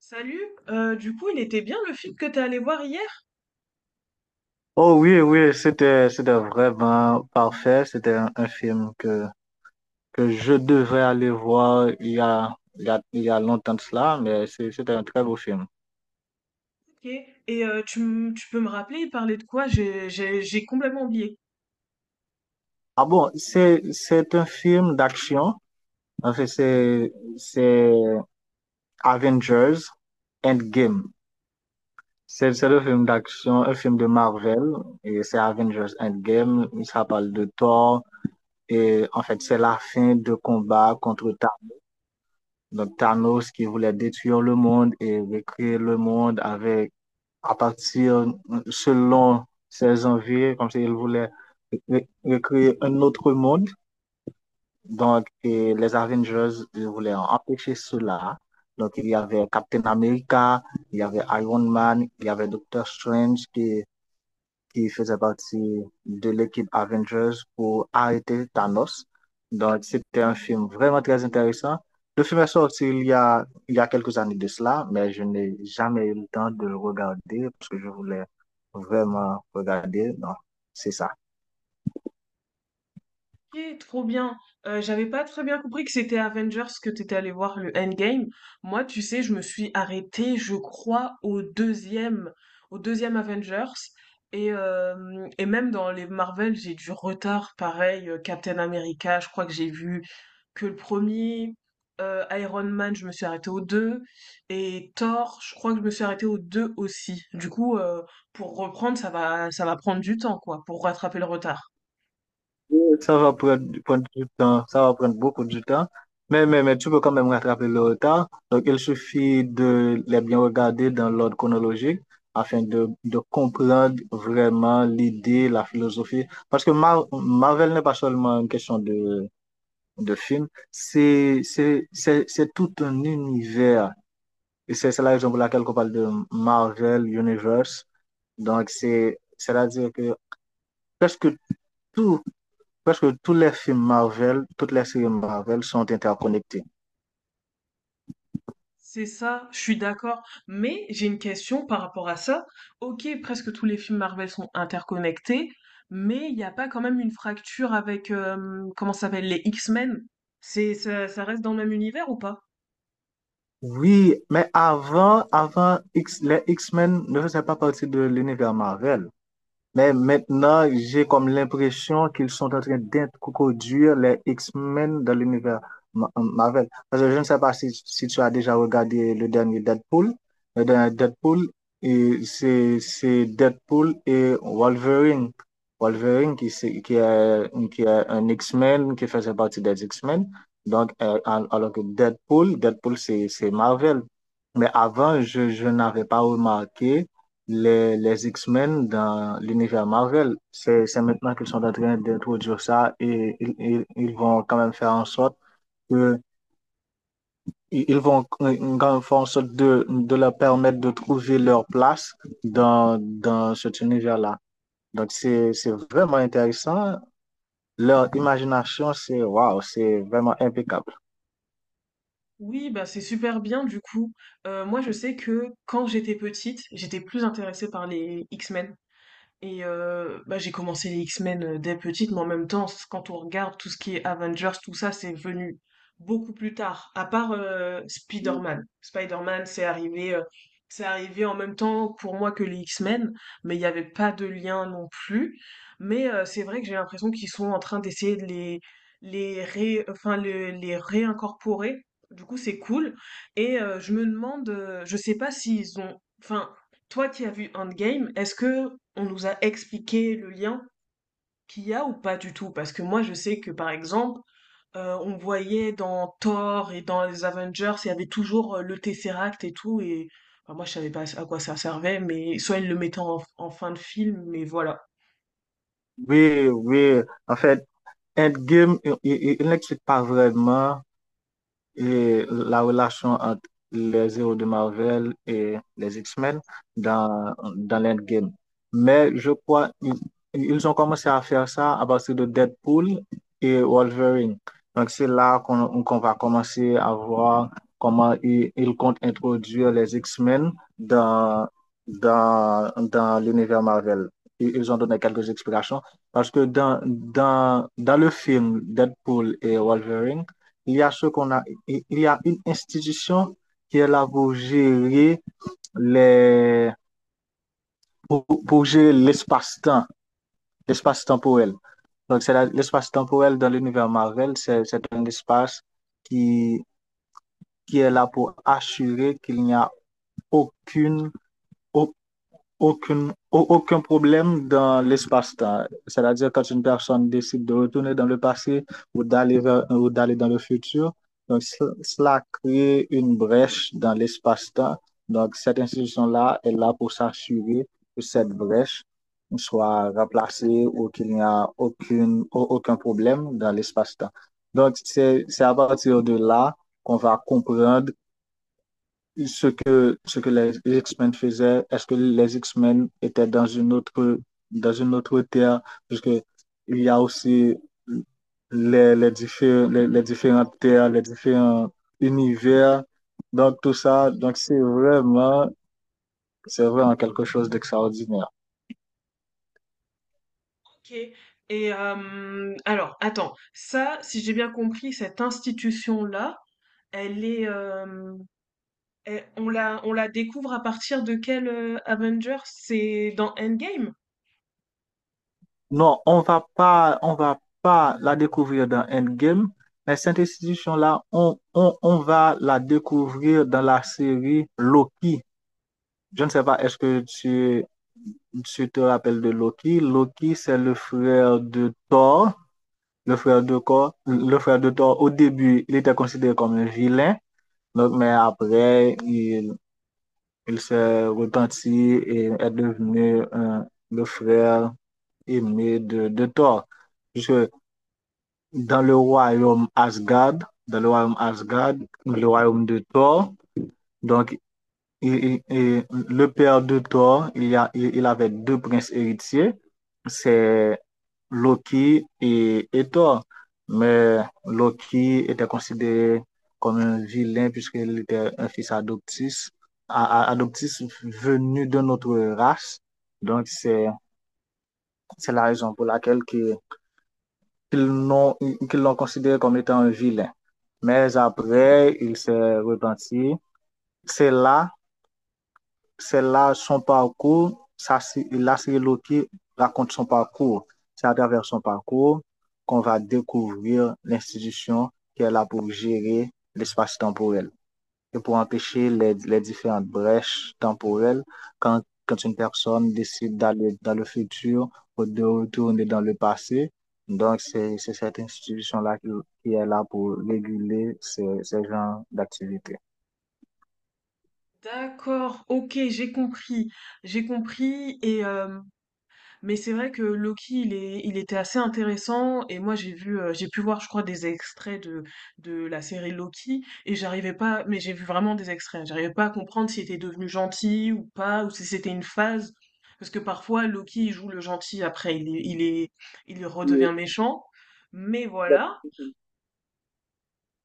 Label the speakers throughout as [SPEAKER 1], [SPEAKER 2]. [SPEAKER 1] Salut, du coup, il était bien le film que t'es allé voir hier?
[SPEAKER 2] Oh oui, oui, c'était vraiment parfait. C'était un film que je devrais aller voir il y a, il y a, il y a longtemps de cela, mais c'était un très beau film.
[SPEAKER 1] Ok. Et tu, tu peux me rappeler, il parlait de quoi? J'ai complètement oublié.
[SPEAKER 2] Ah bon, c'est un film d'action. En fait, c'est Avengers Endgame. C'est le film d'action, un film de Marvel, et c'est Avengers Endgame. Ça parle de Thor, et en fait, c'est la fin de combat contre Thanos. Donc Thanos qui voulait détruire le monde et recréer le monde avec, à partir, selon ses envies, comme s'il voulait recréer un autre monde. Donc et les Avengers ils voulaient empêcher cela. Donc il y avait Captain America, il y avait Iron Man, il y avait Doctor Strange qui faisait partie de l'équipe Avengers pour arrêter Thanos. Donc, c'était un film vraiment très intéressant. Le film est sorti il y a quelques années de cela, mais je n'ai jamais eu le temps de le regarder parce que je voulais vraiment regarder. Non, c'est ça.
[SPEAKER 1] Ok, trop bien. J'avais pas très bien compris que c'était Avengers que t'étais allé voir le Endgame. Moi, tu sais, je me suis arrêtée, je crois, au au deuxième Avengers. Et même dans les Marvel, j'ai du retard, pareil, Captain America, je crois que j'ai vu que le premier er Iron Man, je me suis arrêtée au 2 et Thor, je crois que je me suis arrêtée au 2 aussi. Du coup, pour reprendre, ça va prendre du temps, quoi, pour rattraper le retard.
[SPEAKER 2] Oui, ça va prendre du temps, ça va prendre beaucoup de temps, mais tu peux quand même rattraper le retard. Donc, il suffit de les bien regarder dans l'ordre chronologique afin de comprendre vraiment l'idée, la philosophie. Parce que Marvel n'est pas seulement une question de film, c'est tout un univers. Et c'est la raison pour laquelle on parle de Marvel Universe. Donc, c'est, c'est-à-dire que presque tout presque tous les films Marvel, toutes les séries Marvel sont interconnectées.
[SPEAKER 1] C'est ça, je suis d'accord, mais j'ai une question par rapport à ça. OK, presque tous les films Marvel sont interconnectés, mais il y a pas quand même une fracture avec, comment ça s'appelle? Les X-Men? C'est ça, ça reste dans le même univers ou pas?
[SPEAKER 2] Oui, mais les X-Men ne faisaient pas partie de l'univers Marvel. Mais maintenant, j'ai comme l'impression qu'ils sont en train d'introduire les X-Men dans l'univers Marvel. Parce que je ne sais pas si tu as déjà regardé le dernier Deadpool. Le dernier Deadpool, et c'est Deadpool et Wolverine. Wolverine qui est un X-Men, qui faisait partie des X-Men. Donc, alors que Deadpool, c'est Marvel. Mais avant, je n'avais pas remarqué les X-Men dans l'univers Marvel. C'est maintenant qu'ils sont en train d'introduire ça et ils vont quand même faire en sorte que ils ils vont quand même faire en sorte de leur permettre de trouver leur place dans cet univers-là. Donc, c'est vraiment intéressant. Leur imagination, c'est waouh, c'est vraiment impeccable.
[SPEAKER 1] Oui, bah c'est super bien du coup. Moi, je sais que quand j'étais petite, j'étais plus intéressée par les X-Men. Et bah, j'ai commencé les X-Men dès petite, mais en même temps, quand on regarde tout ce qui est Avengers, tout ça, c'est venu beaucoup plus tard. À part Spider-Man. Spider-Man, c'est arrivé en même temps pour moi que les X-Men, mais il n'y avait pas de lien non plus. Mais c'est vrai que j'ai l'impression qu'ils sont en train d'essayer de les, ré, enfin, le- les réincorporer. Du coup, c'est cool. Et je me demande, je sais pas s'ils ont, enfin, toi qui as vu Endgame, est-ce que on nous a expliqué le lien qu'il y a ou pas du tout? Parce que moi je sais que par exemple, on voyait dans Thor et dans les Avengers, il y avait toujours le Tesseract et tout, et enfin, moi je savais pas à quoi ça servait, mais soit ils le mettaient en fin de film, mais voilà.
[SPEAKER 2] Oui, oui. En fait, Endgame, il n'explique pas vraiment et la relation entre les héros de Marvel et les X-Men dans l'Endgame. Mais je crois ils ont commencé à faire ça à partir de Deadpool et Wolverine. Donc c'est là qu'on va commencer à voir comment ils comptent introduire les X-Men dans, dans l'univers Marvel. Ils ont donné quelques explications parce que dans le film Deadpool et Wolverine, il y a ce qu'on a, il y a une institution qui est là pour gérer les, pour gérer l'espace-temps, l'espace temporel. Donc, l'espace temporel dans l'univers Marvel, c'est un espace qui, qui est là pour assurer qu'il n'y a aucune, aucune, aucun problème dans l'espace-temps. C'est-à-dire, quand une personne décide de retourner dans le passé ou d'aller dans le futur, donc, cela crée une brèche dans l'espace-temps. Donc, cette institution-là est là pour s'assurer que cette brèche soit remplacée ou qu'il n'y a aucun problème dans l'espace-temps. Donc, c'est à partir de là qu'on va comprendre ce que les X-Men faisaient, est-ce que les X-Men étaient dans une autre terre, puisque il y a aussi les différentes terres, les différents univers. Donc, tout ça, donc c'est vraiment quelque chose d'extraordinaire.
[SPEAKER 1] Ok. Et alors, attends, ça, si j'ai bien compris, cette institution-là, elle est, on on la découvre à partir de quel Avengers? C'est dans Endgame?
[SPEAKER 2] Non, on va pas la découvrir dans Endgame, mais cette institution-là, on va la découvrir dans la série Loki. Je ne sais pas, est-ce que tu te rappelles de Loki? Loki, c'est le frère de Thor, le frère de Thor, le frère de Thor. Au début, il était considéré comme un vilain, donc, mais après, il s'est repenti et est devenu le frère aimé de Thor. Puisque dans le royaume Asgard, dans le royaume Asgard, le royaume de Thor. Donc, le père de Thor, il y a, il avait deux princes héritiers, c'est Loki et Thor. Mais Loki était considéré comme un vilain puisqu'il était un fils adoptif, adoptif venu de notre race. Donc, c'est la raison pour laquelle que qu'ils l'ont qu'ils l'ont considéré comme étant un vilain. Mais après, il s'est repenti. C'est là, c'est là son parcours. C'est qui raconte son parcours. C'est à travers son parcours qu'on va découvrir l'institution qui est là pour gérer l'espace temporel et pour empêcher les différentes brèches temporelles quand une personne décide d'aller dans le futur ou de retourner dans le passé. Donc, c'est cette institution-là qui est là pour réguler ces genres d'activités.
[SPEAKER 1] D'accord, ok, j'ai compris. Et mais c'est vrai que Loki, il était assez intéressant. Et moi, j'ai vu, j'ai pu voir, je crois, des extraits de la série Loki. Et j'arrivais pas, mais j'ai vu vraiment des extraits. J'arrivais pas à comprendre s'il était devenu gentil ou pas, ou si c'était une phase. Parce que parfois, Loki, il joue le gentil, après, il redevient méchant. Mais voilà.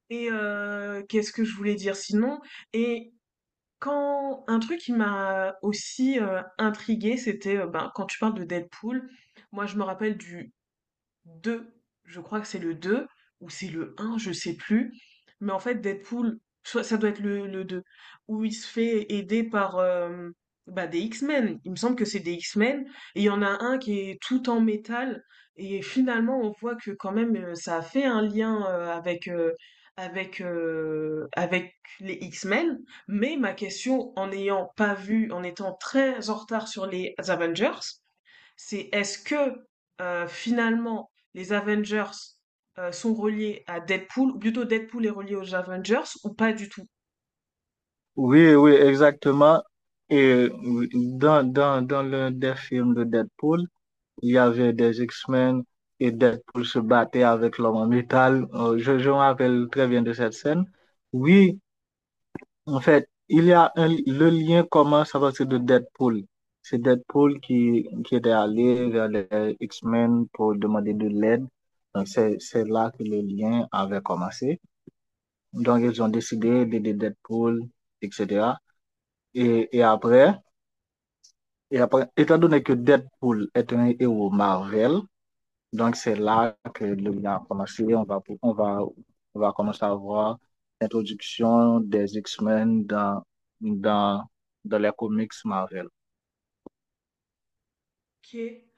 [SPEAKER 1] Et qu'est-ce que je voulais dire sinon? Et quand un truc qui m'a aussi, intriguée, c'était, ben, quand tu parles de Deadpool, moi je me rappelle du 2, je crois que c'est le 2 ou c'est le un, je sais plus. Mais en fait, Deadpool, soit ça doit être le 2 où il se fait aider par bah, des X-Men. Il me semble que c'est des X-Men. Et il y en a un qui est tout en métal. Et finalement, on voit que quand même, ça a fait un lien avec les X-Men. Mais ma question, en n'ayant pas vu, en étant très en retard sur les Avengers, c'est est-ce que finalement les Avengers sont reliés à Deadpool, ou plutôt Deadpool est relié aux Avengers, ou pas du tout.
[SPEAKER 2] Oui, oui, exactement. Et dans l'un des films de Deadpool, il y avait des X-Men et Deadpool se battait avec l'homme en métal. Je me rappelle très bien de cette scène. Oui, en fait, il y a un, le lien commence à partir de Deadpool. C'est Deadpool qui était allé vers les X-Men pour demander de l'aide. Donc, c'est là que le lien avait commencé. Donc, ils ont décidé d'aider Deadpool, etc. Et, et après, et après, étant donné que Deadpool est un héros Marvel, donc, c'est là que le bilan a commencé. On va commencer à voir l'introduction des X-Men dans, dans les comics Marvel.
[SPEAKER 1] Ok.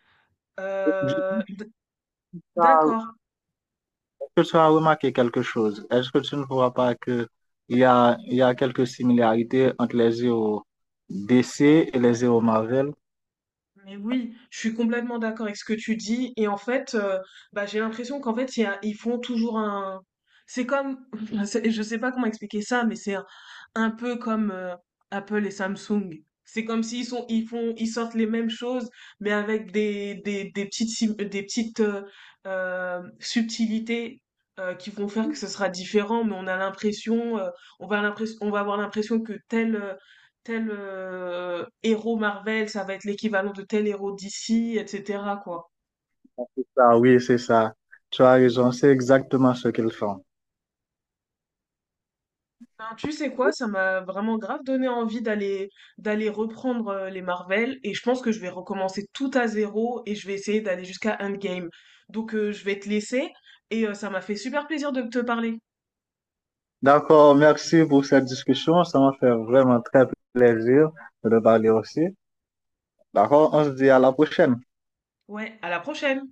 [SPEAKER 1] Euh, d- d'accord.
[SPEAKER 2] Est-ce que tu as remarqué quelque chose? Est-ce que tu ne vois pas que il y a quelques similarités entre les héros DC et les héros Marvel?
[SPEAKER 1] Mais oui, je suis complètement d'accord avec ce que tu dis. Et en fait, bah, j'ai l'impression qu'en fait, ils font toujours un... C'est comme... Je sais pas comment expliquer ça, mais c'est un peu comme Apple et Samsung. C'est comme s'ils sont, ils font, ils sortent les mêmes choses, mais avec des petites, des petites subtilités qui vont faire que ce sera différent. Mais on a l'impression, on va on va avoir l'impression que tel héros Marvel, ça va être l'équivalent de tel héros DC, etc. quoi.
[SPEAKER 2] Ah oui, c'est ça. Tu as raison, c'est exactement ce qu'ils font.
[SPEAKER 1] Ben, tu sais quoi, ça m'a vraiment grave donné envie d'aller reprendre les Marvel et je pense que je vais recommencer tout à zéro et je vais essayer d'aller jusqu'à Endgame. Donc je vais te laisser et ça m'a fait super plaisir de te parler.
[SPEAKER 2] D'accord, merci pour cette discussion. Ça m'a fait vraiment très plaisir de parler aussi. D'accord, on se dit à la prochaine.
[SPEAKER 1] Ouais, à la prochaine!